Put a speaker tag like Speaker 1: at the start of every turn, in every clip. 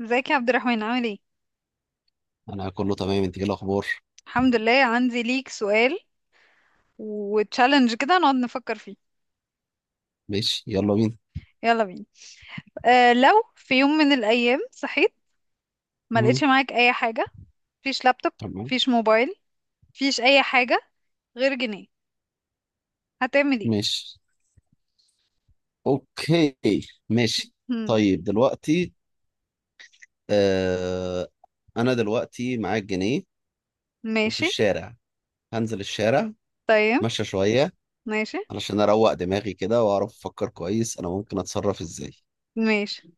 Speaker 1: ازيك يا عبد الرحمن، عامل ايه؟
Speaker 2: انا كله تمام، انت ايه الاخبار؟
Speaker 1: الحمد لله. عندي ليك سؤال وتشالنج كده نقعد نفكر فيه.
Speaker 2: ماشي، يلا بينا.
Speaker 1: يلا بينا. لو في يوم من الايام صحيت ما
Speaker 2: مم.
Speaker 1: لقيتش معاك اي حاجه، فيش لابتوب،
Speaker 2: تمام.
Speaker 1: فيش موبايل، فيش اي حاجه غير جنيه، هتعمل ايه؟
Speaker 2: ماشي. اوكي. ماشي.
Speaker 1: هم،
Speaker 2: طيب دلوقتي. آه، انا دلوقتي معايا الجنيه وفي
Speaker 1: ماشي.
Speaker 2: الشارع. هنزل الشارع
Speaker 1: طيب.
Speaker 2: اتمشى شوية
Speaker 1: ماشي.
Speaker 2: علشان اروق دماغي كده واعرف افكر كويس انا ممكن اتصرف ازاي.
Speaker 1: ماشي.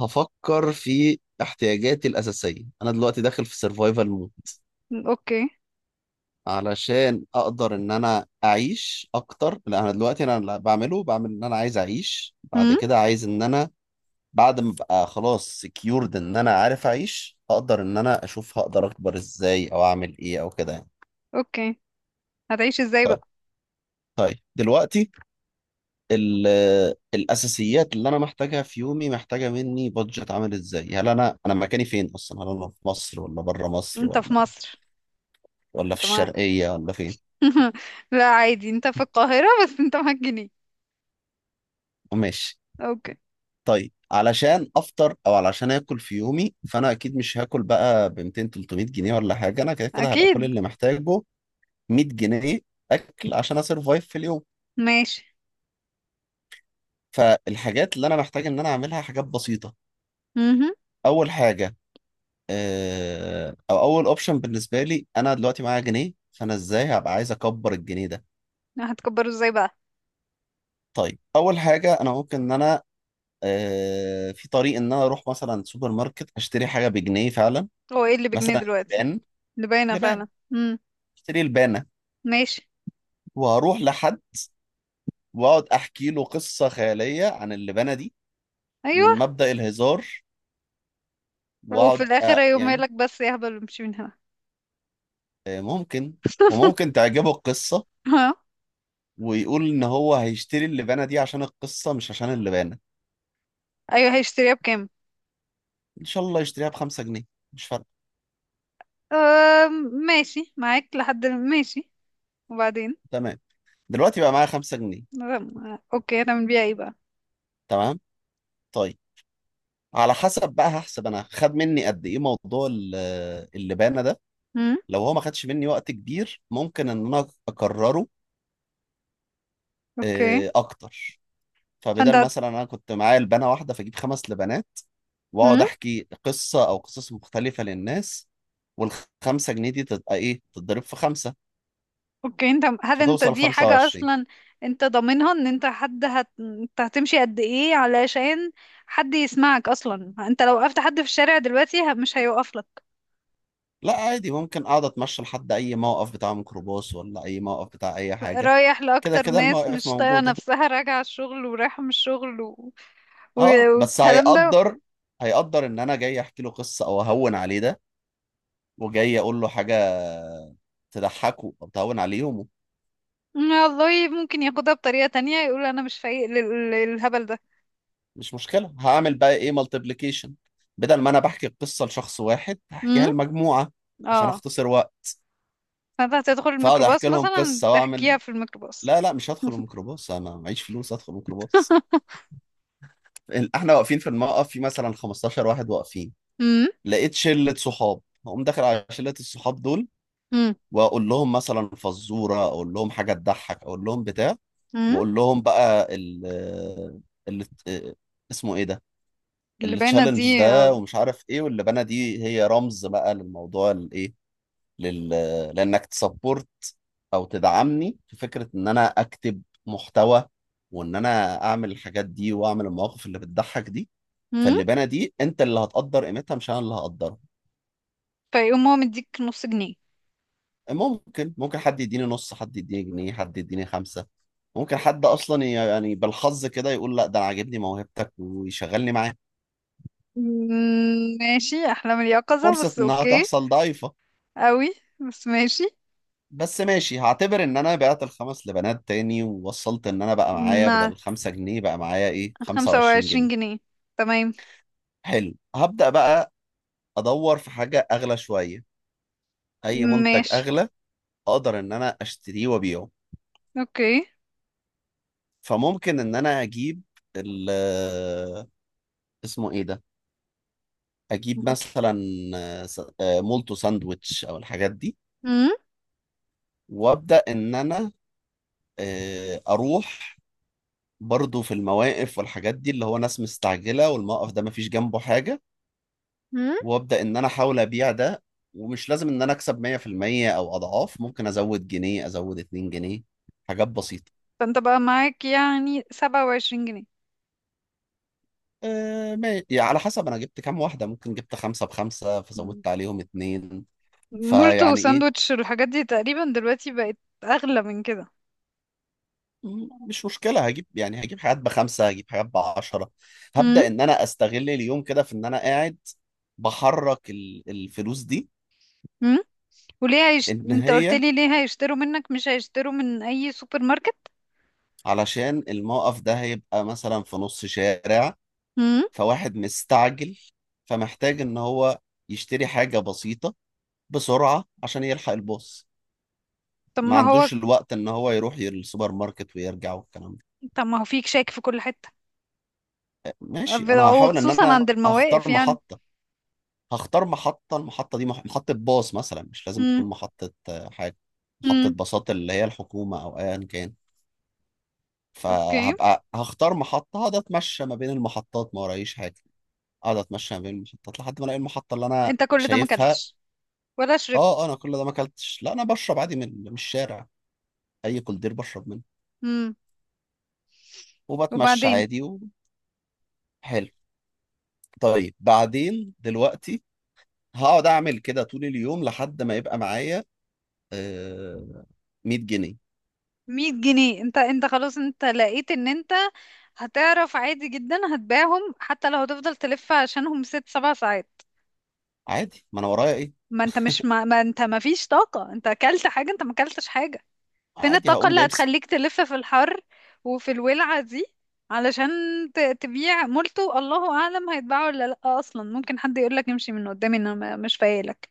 Speaker 2: هفكر في احتياجاتي الاساسية. انا دلوقتي داخل في سرفايفل
Speaker 1: اوكي.
Speaker 2: علشان اقدر ان انا اعيش اكتر. لا، انا دلوقتي انا اللي بعمله بعمل ان انا عايز اعيش، بعد
Speaker 1: هم،
Speaker 2: كده عايز ان انا بعد ما ابقى خلاص سكيورد ان انا عارف اعيش، اقدر ان انا اشوف هقدر اكبر ازاي او اعمل ايه او كده يعني.
Speaker 1: اوكي. هتعيش ازاي
Speaker 2: طيب
Speaker 1: بقى؟
Speaker 2: طيب دلوقتي ال- الاساسيات اللي انا محتاجها في يومي محتاجه مني بادجت عامل ازاي. هل انا مكاني فين اصلا؟ هل انا في مصر ولا بره مصر
Speaker 1: انت في
Speaker 2: ولا
Speaker 1: مصر.
Speaker 2: ولا في
Speaker 1: انت معاك
Speaker 2: الشرقيه ولا فين؟
Speaker 1: لا، عادي، انت في القاهره بس انت معاك جنيه.
Speaker 2: ماشي.
Speaker 1: اوكي.
Speaker 2: طيب علشان افطر او علشان اكل في يومي، فانا اكيد مش هاكل بقى ب 200 300 جنيه ولا حاجه. انا كده كده هبقى كل
Speaker 1: اكيد.
Speaker 2: اللي محتاجه 100 جنيه اكل عشان اسرفايف في اليوم.
Speaker 1: ماشي.
Speaker 2: فالحاجات اللي انا محتاج ان انا اعملها حاجات بسيطه.
Speaker 1: مهم.
Speaker 2: اول حاجه، او اول اوبشن بالنسبه لي انا دلوقتي معايا جنيه، فانا ازاي هبقى عايز اكبر الجنيه ده؟
Speaker 1: هتكبره ازاي بقى؟
Speaker 2: طيب اول حاجه، انا ممكن ان انا في طريق ان انا اروح مثلا سوبر ماركت اشتري حاجه بجنيه فعلا.
Speaker 1: هو ايه اللي بجنيه
Speaker 2: مثلا
Speaker 1: دلوقتي؟
Speaker 2: لبان،
Speaker 1: اللي باينه
Speaker 2: لبان.
Speaker 1: فعلا. امم.
Speaker 2: اشتري لبانه
Speaker 1: ماشي.
Speaker 2: واروح لحد واقعد احكي له قصه خياليه عن اللبنه دي
Speaker 1: ايوه.
Speaker 2: من مبدأ الهزار،
Speaker 1: وفي
Speaker 2: واقعد
Speaker 1: الاخر، ايوه،
Speaker 2: يعني
Speaker 1: مالك بس يا هبل؟ امشي من هنا.
Speaker 2: ممكن وممكن تعجبه القصه
Speaker 1: ها.
Speaker 2: ويقول ان هو هيشتري اللبانه دي عشان القصه مش عشان اللبانه.
Speaker 1: ايوه، هيشتريها بكام؟
Speaker 2: ان شاء الله يشتريها بخمسة جنيه، مش فارقه.
Speaker 1: أم، ماشي معاك لحد. ماشي. وبعدين؟
Speaker 2: تمام، دلوقتي بقى معايا خمسة جنيه.
Speaker 1: أم، اوكي، هتعمل بيها ايه بقى؟
Speaker 2: تمام. طيب على حسب بقى هحسب انا خد مني قد ايه موضوع اللبانه ده.
Speaker 1: امم.
Speaker 2: لو هو ما خدش مني وقت كبير، ممكن ان انا اكرره
Speaker 1: اوكي.
Speaker 2: اكتر. فبدل
Speaker 1: فانت.
Speaker 2: مثلا انا كنت معايا لبنه واحده، فاجيب خمس لبنات واقعد
Speaker 1: امم.
Speaker 2: احكي قصه او قصص مختلفه للناس، والخمسه جنيه دي تبقى ايه؟ تتضرب في خمسه
Speaker 1: اوكي. انت، هل انت
Speaker 2: فتوصل
Speaker 1: دي حاجه
Speaker 2: 25.
Speaker 1: اصلا؟ انت ضامنها ان انت حد انت هتمشي قد ايه علشان حد يسمعك اصلا؟ انت لو وقفت حد في الشارع دلوقتي مش هيوقف لك.
Speaker 2: لا عادي، ممكن اقعد اتمشى لحد اي موقف بتاع ميكروباص ولا اي موقف بتاع اي حاجه.
Speaker 1: رايح
Speaker 2: كده
Speaker 1: لأكتر
Speaker 2: كده
Speaker 1: ناس
Speaker 2: المواقف
Speaker 1: مش طايقة
Speaker 2: موجوده.
Speaker 1: نفسها، راجعة الشغل ورايحة من الشغل
Speaker 2: اه بس
Speaker 1: والكلام ده.
Speaker 2: هيقدر، هيقدر ان انا جاي احكي له قصه او اهون عليه ده، وجاي اقول له حاجه تضحكه او تهون عليه يومه.
Speaker 1: والله ممكن ياخدها بطريقة تانية، يقول أنا مش فايق للهبل ده.
Speaker 2: مش مشكلة، هعمل بقى ايه؟ مالتيبليكيشن. بدل ما انا بحكي القصة لشخص واحد،
Speaker 1: امم.
Speaker 2: هحكيها لمجموعة عشان
Speaker 1: اه.
Speaker 2: اختصر وقت.
Speaker 1: فانت هتدخل
Speaker 2: فاقعد
Speaker 1: الميكروباص
Speaker 2: احكي لهم
Speaker 1: مثلا،
Speaker 2: قصة واعمل.
Speaker 1: تحكيها في الميكروباص؟
Speaker 2: لا لا، مش هدخل الميكروباص، انا معيش فلوس ادخل الميكروباص. احنا واقفين في الموقف في مثلا 15 واحد واقفين.
Speaker 1: امم.
Speaker 2: لقيت شلة صحاب هقوم داخل على شلة الصحاب دول
Speaker 1: امم.
Speaker 2: واقول لهم مثلا فزورة، اقول لهم حاجة تضحك، اقول لهم بتاع،
Speaker 1: امم.
Speaker 2: واقول لهم بقى ال اسمه ايه ده،
Speaker 1: اللي باينة دي.
Speaker 2: التشالنج ده ومش عارف ايه، واللبانه دي هي رمز بقى للموضوع الايه، لل... لانك تسبورت او تدعمني في فكره ان انا اكتب محتوى وان انا اعمل الحاجات دي واعمل المواقف اللي بتضحك دي.
Speaker 1: امم.
Speaker 2: فاللبانه دي انت اللي هتقدر قيمتها، مش انا اللي هقدرها.
Speaker 1: فيقوم هو مديك نص جنيه؟
Speaker 2: ممكن، ممكن حد يديني نص، حد يديني جنيه، حد يديني خمسه. ممكن حد اصلا يعني بالحظ كده يقول لا ده انا عاجبني موهبتك ويشغلني معاه.
Speaker 1: ماشي، أحلام اليقظة،
Speaker 2: فرصه
Speaker 1: بس
Speaker 2: انها
Speaker 1: أوكي.
Speaker 2: تحصل ضعيفه،
Speaker 1: أوي. بس ماشي.
Speaker 2: بس ماشي. هعتبر ان انا بعت الخمس لبنات تاني ووصلت ان انا بقى معايا
Speaker 1: نعم.
Speaker 2: بدل الخمسة جنيه بقى معايا ايه؟
Speaker 1: خمسة
Speaker 2: 25
Speaker 1: وعشرين
Speaker 2: جنيه
Speaker 1: جنيه. تمام.
Speaker 2: حلو، هبدأ بقى ادور في حاجة اغلى شوية، اي منتج
Speaker 1: ماشي.
Speaker 2: اغلى اقدر ان انا اشتريه وابيعه.
Speaker 1: اوكي.
Speaker 2: فممكن ان انا اجيب ال اسمه ايه ده، اجيب مثلا مولتو، ساندويتش او الحاجات دي،
Speaker 1: امم.
Speaker 2: وابدأ ان انا اروح برضو في المواقف والحاجات دي اللي هو ناس مستعجلة والموقف ده مفيش جنبه حاجة،
Speaker 1: امم.
Speaker 2: وابدا ان انا احاول ابيع ده. ومش لازم ان انا اكسب 100% او اضعاف، ممكن ازود جنيه، ازود 2 جنيه، حاجات بسيطه.
Speaker 1: فانت بقى معاك يعني سبعة وعشرين جنيه؟
Speaker 2: أه يعني على حسب انا جبت كام واحده، ممكن جبت خمسه بخمسه
Speaker 1: مم.
Speaker 2: فزودت عليهم اتنين.
Speaker 1: مولتو
Speaker 2: فيعني ايه،
Speaker 1: وساندوتش والحاجات دي تقريبا دلوقتي بقت اغلى من كده.
Speaker 2: مش مشكله، هجيب يعني هجيب حاجات بخمسه، هجيب حاجات بعشره.
Speaker 1: امم.
Speaker 2: هبدا ان انا استغل اليوم كده في ان انا قاعد بحرك الفلوس دي.
Speaker 1: امم. وليه
Speaker 2: ان
Speaker 1: انت قلت
Speaker 2: هي
Speaker 1: لي ليه هيشتروا منك، مش هيشتروا من اي سوبر ماركت؟
Speaker 2: علشان الموقف ده هيبقى مثلا في نص شارع،
Speaker 1: امم.
Speaker 2: فواحد مستعجل فمحتاج ان هو يشتري حاجة بسيطة بسرعة عشان يلحق الباص،
Speaker 1: طب
Speaker 2: ما
Speaker 1: ما هو
Speaker 2: عندوش الوقت ان هو يروح السوبر ماركت ويرجع والكلام ده.
Speaker 1: طب ما هو فيك شاك في كل حتة،
Speaker 2: ماشي، انا هحاول ان
Speaker 1: وخصوصا
Speaker 2: انا
Speaker 1: عند المواقف،
Speaker 2: هختار
Speaker 1: يعني.
Speaker 2: محطة. هختار محطة، المحطة دي محطة باص مثلا، مش لازم
Speaker 1: امم.
Speaker 2: تكون محطة حاجة. محطة
Speaker 1: امم.
Speaker 2: باصات اللي هي الحكومة او ايا كان،
Speaker 1: اوكي.
Speaker 2: فهبقى هختار محطة هقعد اتمشى ما بين المحطات، ما ورايش حاجة. اقعد اتمشى ما بين المحطات لحد ما الاقي المحطة اللي انا
Speaker 1: انت كل ده ما
Speaker 2: شايفها.
Speaker 1: اكلتش ولا
Speaker 2: اه
Speaker 1: شربت؟
Speaker 2: انا كل ده ما اكلتش، لا انا بشرب عادي من الشارع. اي كولدير بشرب منه
Speaker 1: امم.
Speaker 2: وبتمشى
Speaker 1: وبعدين؟
Speaker 2: عادي. وحلو، طيب بعدين دلوقتي هقعد اعمل كده طول اليوم لحد ما يبقى معايا آه 100 جنيه.
Speaker 1: مية جنيه؟ انت خلاص، انت لقيت ان انت هتعرف عادي جدا هتبيعهم، حتى لو هتفضل تلف عشانهم ست سبع ساعات؟
Speaker 2: عادي، ما انا ورايا ايه؟
Speaker 1: ما انت مش ما انت ما فيش طاقة. انت اكلت حاجة؟ انت ما اكلتش حاجة. فين
Speaker 2: عادي
Speaker 1: الطاقة
Speaker 2: هقوم
Speaker 1: اللي
Speaker 2: جايب
Speaker 1: هتخليك تلف في الحر وفي الولعة دي علشان تبيع مولتو؟ الله اعلم هيتباعوا ولا لا اصلا. ممكن حد يقولك امشي من قدامي، انا مش فايلك.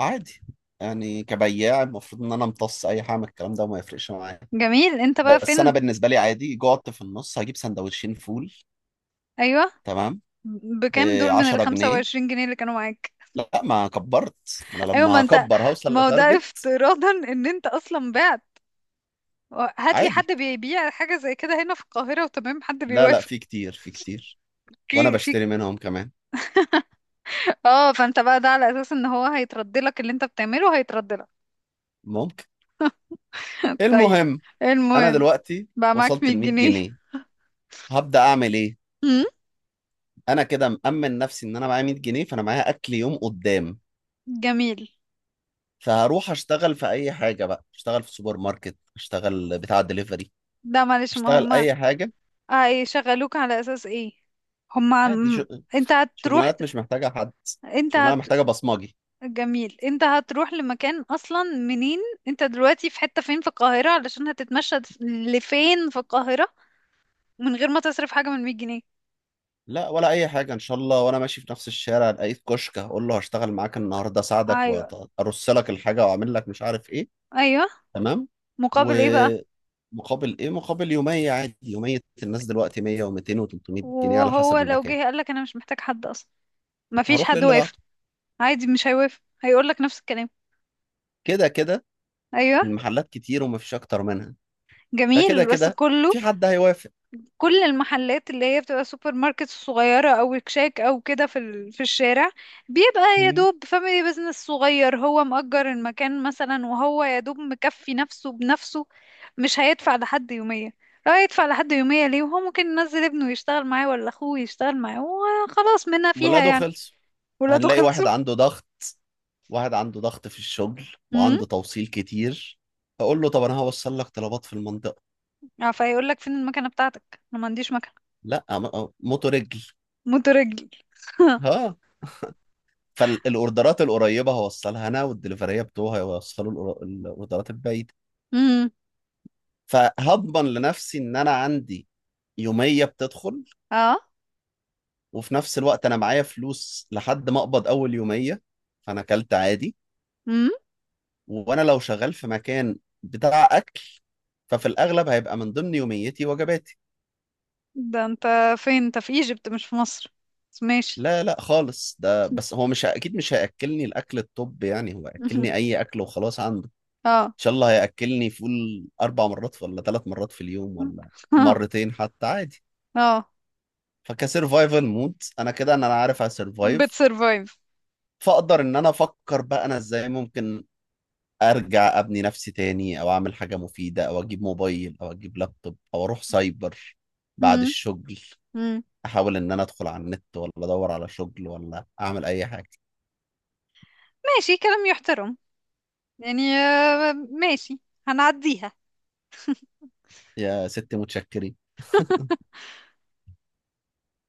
Speaker 2: عادي، يعني كبياع المفروض ان انا امتص اي حاجه من الكلام ده وما يفرقش معايا.
Speaker 1: جميل، انت بقى
Speaker 2: بس انا
Speaker 1: فين؟
Speaker 2: بالنسبه لي عادي، جعت في النص هجيب سندوتشين فول.
Speaker 1: ايوه،
Speaker 2: تمام، ب
Speaker 1: بكام دول من
Speaker 2: 10
Speaker 1: الخمسة
Speaker 2: جنيه
Speaker 1: وعشرين جنيه اللي كانوا معاك؟
Speaker 2: لا ما كبرت، ما انا
Speaker 1: ايوه،
Speaker 2: لما
Speaker 1: ما انت،
Speaker 2: هكبر هوصل
Speaker 1: ما هو ده
Speaker 2: لتارجت.
Speaker 1: افتراضا ان انت اصلا بعت. هات لي
Speaker 2: عادي،
Speaker 1: حد بيبيع حاجه زي كده هنا في القاهره وتمام حد
Speaker 2: لا لا
Speaker 1: بيوافق.
Speaker 2: في كتير، في كتير، وانا
Speaker 1: في
Speaker 2: بشتري منهم كمان.
Speaker 1: اه. فانت بقى ده على اساس ان هو هيترد لك، اللي انت بتعمله هيترد لك.
Speaker 2: ممكن.
Speaker 1: طيب.
Speaker 2: المهم، انا
Speaker 1: المهم،
Speaker 2: دلوقتي
Speaker 1: بقى معاك
Speaker 2: وصلت
Speaker 1: 100
Speaker 2: ل 100
Speaker 1: جنيه
Speaker 2: جنيه هبدأ اعمل ايه؟
Speaker 1: أمم،
Speaker 2: انا كده مأمن نفسي ان انا معايا 100 جنيه، فانا معايا اكل يوم قدام.
Speaker 1: جميل.
Speaker 2: فهروح اشتغل في اي حاجة بقى، اشتغل في سوبر ماركت، اشتغل بتاع دليفري،
Speaker 1: ده معلش، ما
Speaker 2: اشتغل
Speaker 1: هما
Speaker 2: اي حاجة.
Speaker 1: هيشغلوك على اساس ايه؟ هما
Speaker 2: عادي
Speaker 1: انت هتروح.
Speaker 2: شغلانات مش محتاجة حد،
Speaker 1: انت.
Speaker 2: شغلانة محتاجة بصمجي.
Speaker 1: جميل، انت هتروح لمكان اصلا منين؟ انت دلوقتي في حتة فين في القاهرة، علشان هتتمشى لفين في القاهرة من غير ما تصرف حاجة من 100 جنيه؟
Speaker 2: لا ولا اي حاجة ان شاء الله. وانا ماشي في نفس الشارع الاقيت كشك هقول له هشتغل معاك النهاردة، اساعدك
Speaker 1: ايوه.
Speaker 2: وارص لك الحاجة واعمل لك مش عارف ايه.
Speaker 1: ايوه.
Speaker 2: تمام.
Speaker 1: مقابل ايه بقى؟
Speaker 2: ومقابل ايه؟ مقابل يومية عادي، يومية الناس دلوقتي 100 و200 و300 جنيه على
Speaker 1: وهو
Speaker 2: حسب
Speaker 1: لو
Speaker 2: المكان.
Speaker 1: جه قالك انا مش محتاج حد اصلا؟ مفيش
Speaker 2: هروح
Speaker 1: حد
Speaker 2: للي بعده،
Speaker 1: وافق؟ عادي مش هيوافق، هيقولك نفس الكلام.
Speaker 2: كده كده
Speaker 1: ايوه.
Speaker 2: المحلات كتير ومفيش اكتر منها. فكده
Speaker 1: جميل. بس
Speaker 2: كده
Speaker 1: كله،
Speaker 2: في حد هيوافق.
Speaker 1: كل المحلات اللي هي بتبقى سوبر ماركت صغيرة او كشاك او كده في في الشارع، بيبقى يا
Speaker 2: مم.
Speaker 1: دوب فاميلي بيزنس صغير. هو مأجر المكان مثلا، وهو يا دوب مكفي نفسه بنفسه، مش هيدفع لحد يومية. لو هيدفع لحد يومية ليه وهو ممكن ينزل ابنه يشتغل معاه ولا اخوه يشتغل معاه، وخلاص منها فيها
Speaker 2: ولاده
Speaker 1: يعني.
Speaker 2: خلص،
Speaker 1: ولاده
Speaker 2: هنلاقي واحد
Speaker 1: خلصوا.
Speaker 2: عنده ضغط، واحد عنده ضغط في الشغل
Speaker 1: امم.
Speaker 2: وعنده توصيل كتير، فاقول له طب انا هوصل لك طلبات في المنطقة.
Speaker 1: اه، فيقول لك فين المكنة بتاعتك؟ انا ما عنديش مكنة.
Speaker 2: لا موتو رجل.
Speaker 1: مترجل.
Speaker 2: ها، فالاوردرات القريبة هوصلها انا، والدليفرية بتوعها هيوصلوا الاوردرات البعيدة.
Speaker 1: امم.
Speaker 2: فهضمن لنفسي ان انا عندي يوميه بتدخل،
Speaker 1: اه.
Speaker 2: وفي نفس الوقت انا معايا فلوس لحد ما اقبض اول يوميه. فانا اكلت عادي،
Speaker 1: امم.
Speaker 2: وانا لو شغال في مكان بتاع اكل ففي الاغلب هيبقى من ضمن يوميتي وجباتي.
Speaker 1: ده انت فين؟ انت في ايجيبت مش في مصر، بس ماشي.
Speaker 2: لا لا خالص، ده بس هو مش اكيد، مش هياكلني الاكل الطب يعني، هو هياكلني اي اكل وخلاص عنده. ان
Speaker 1: اه.
Speaker 2: شاء الله هياكلني فول اربع مرات ولا ثلاث مرات في اليوم، ولا مرتين حتى عادي.
Speaker 1: اه،
Speaker 2: فكسرفايفل مود انا كده، ان انا عارف اسرفايف.
Speaker 1: بتسرفايف.
Speaker 2: فاقدر ان انا افكر بقى انا ازاي ممكن ارجع ابني نفسي تاني، او اعمل حاجه مفيده، او اجيب موبايل، او اجيب لابتوب، او اروح سايبر بعد
Speaker 1: مم.
Speaker 2: الشغل،
Speaker 1: مم.
Speaker 2: احاول ان انا ادخل على النت ولا ادور على شغل ولا اعمل اي حاجه.
Speaker 1: ماشي، كلام يحترم، يعني ماشي. هنعديها.
Speaker 2: يا ست متشكرين.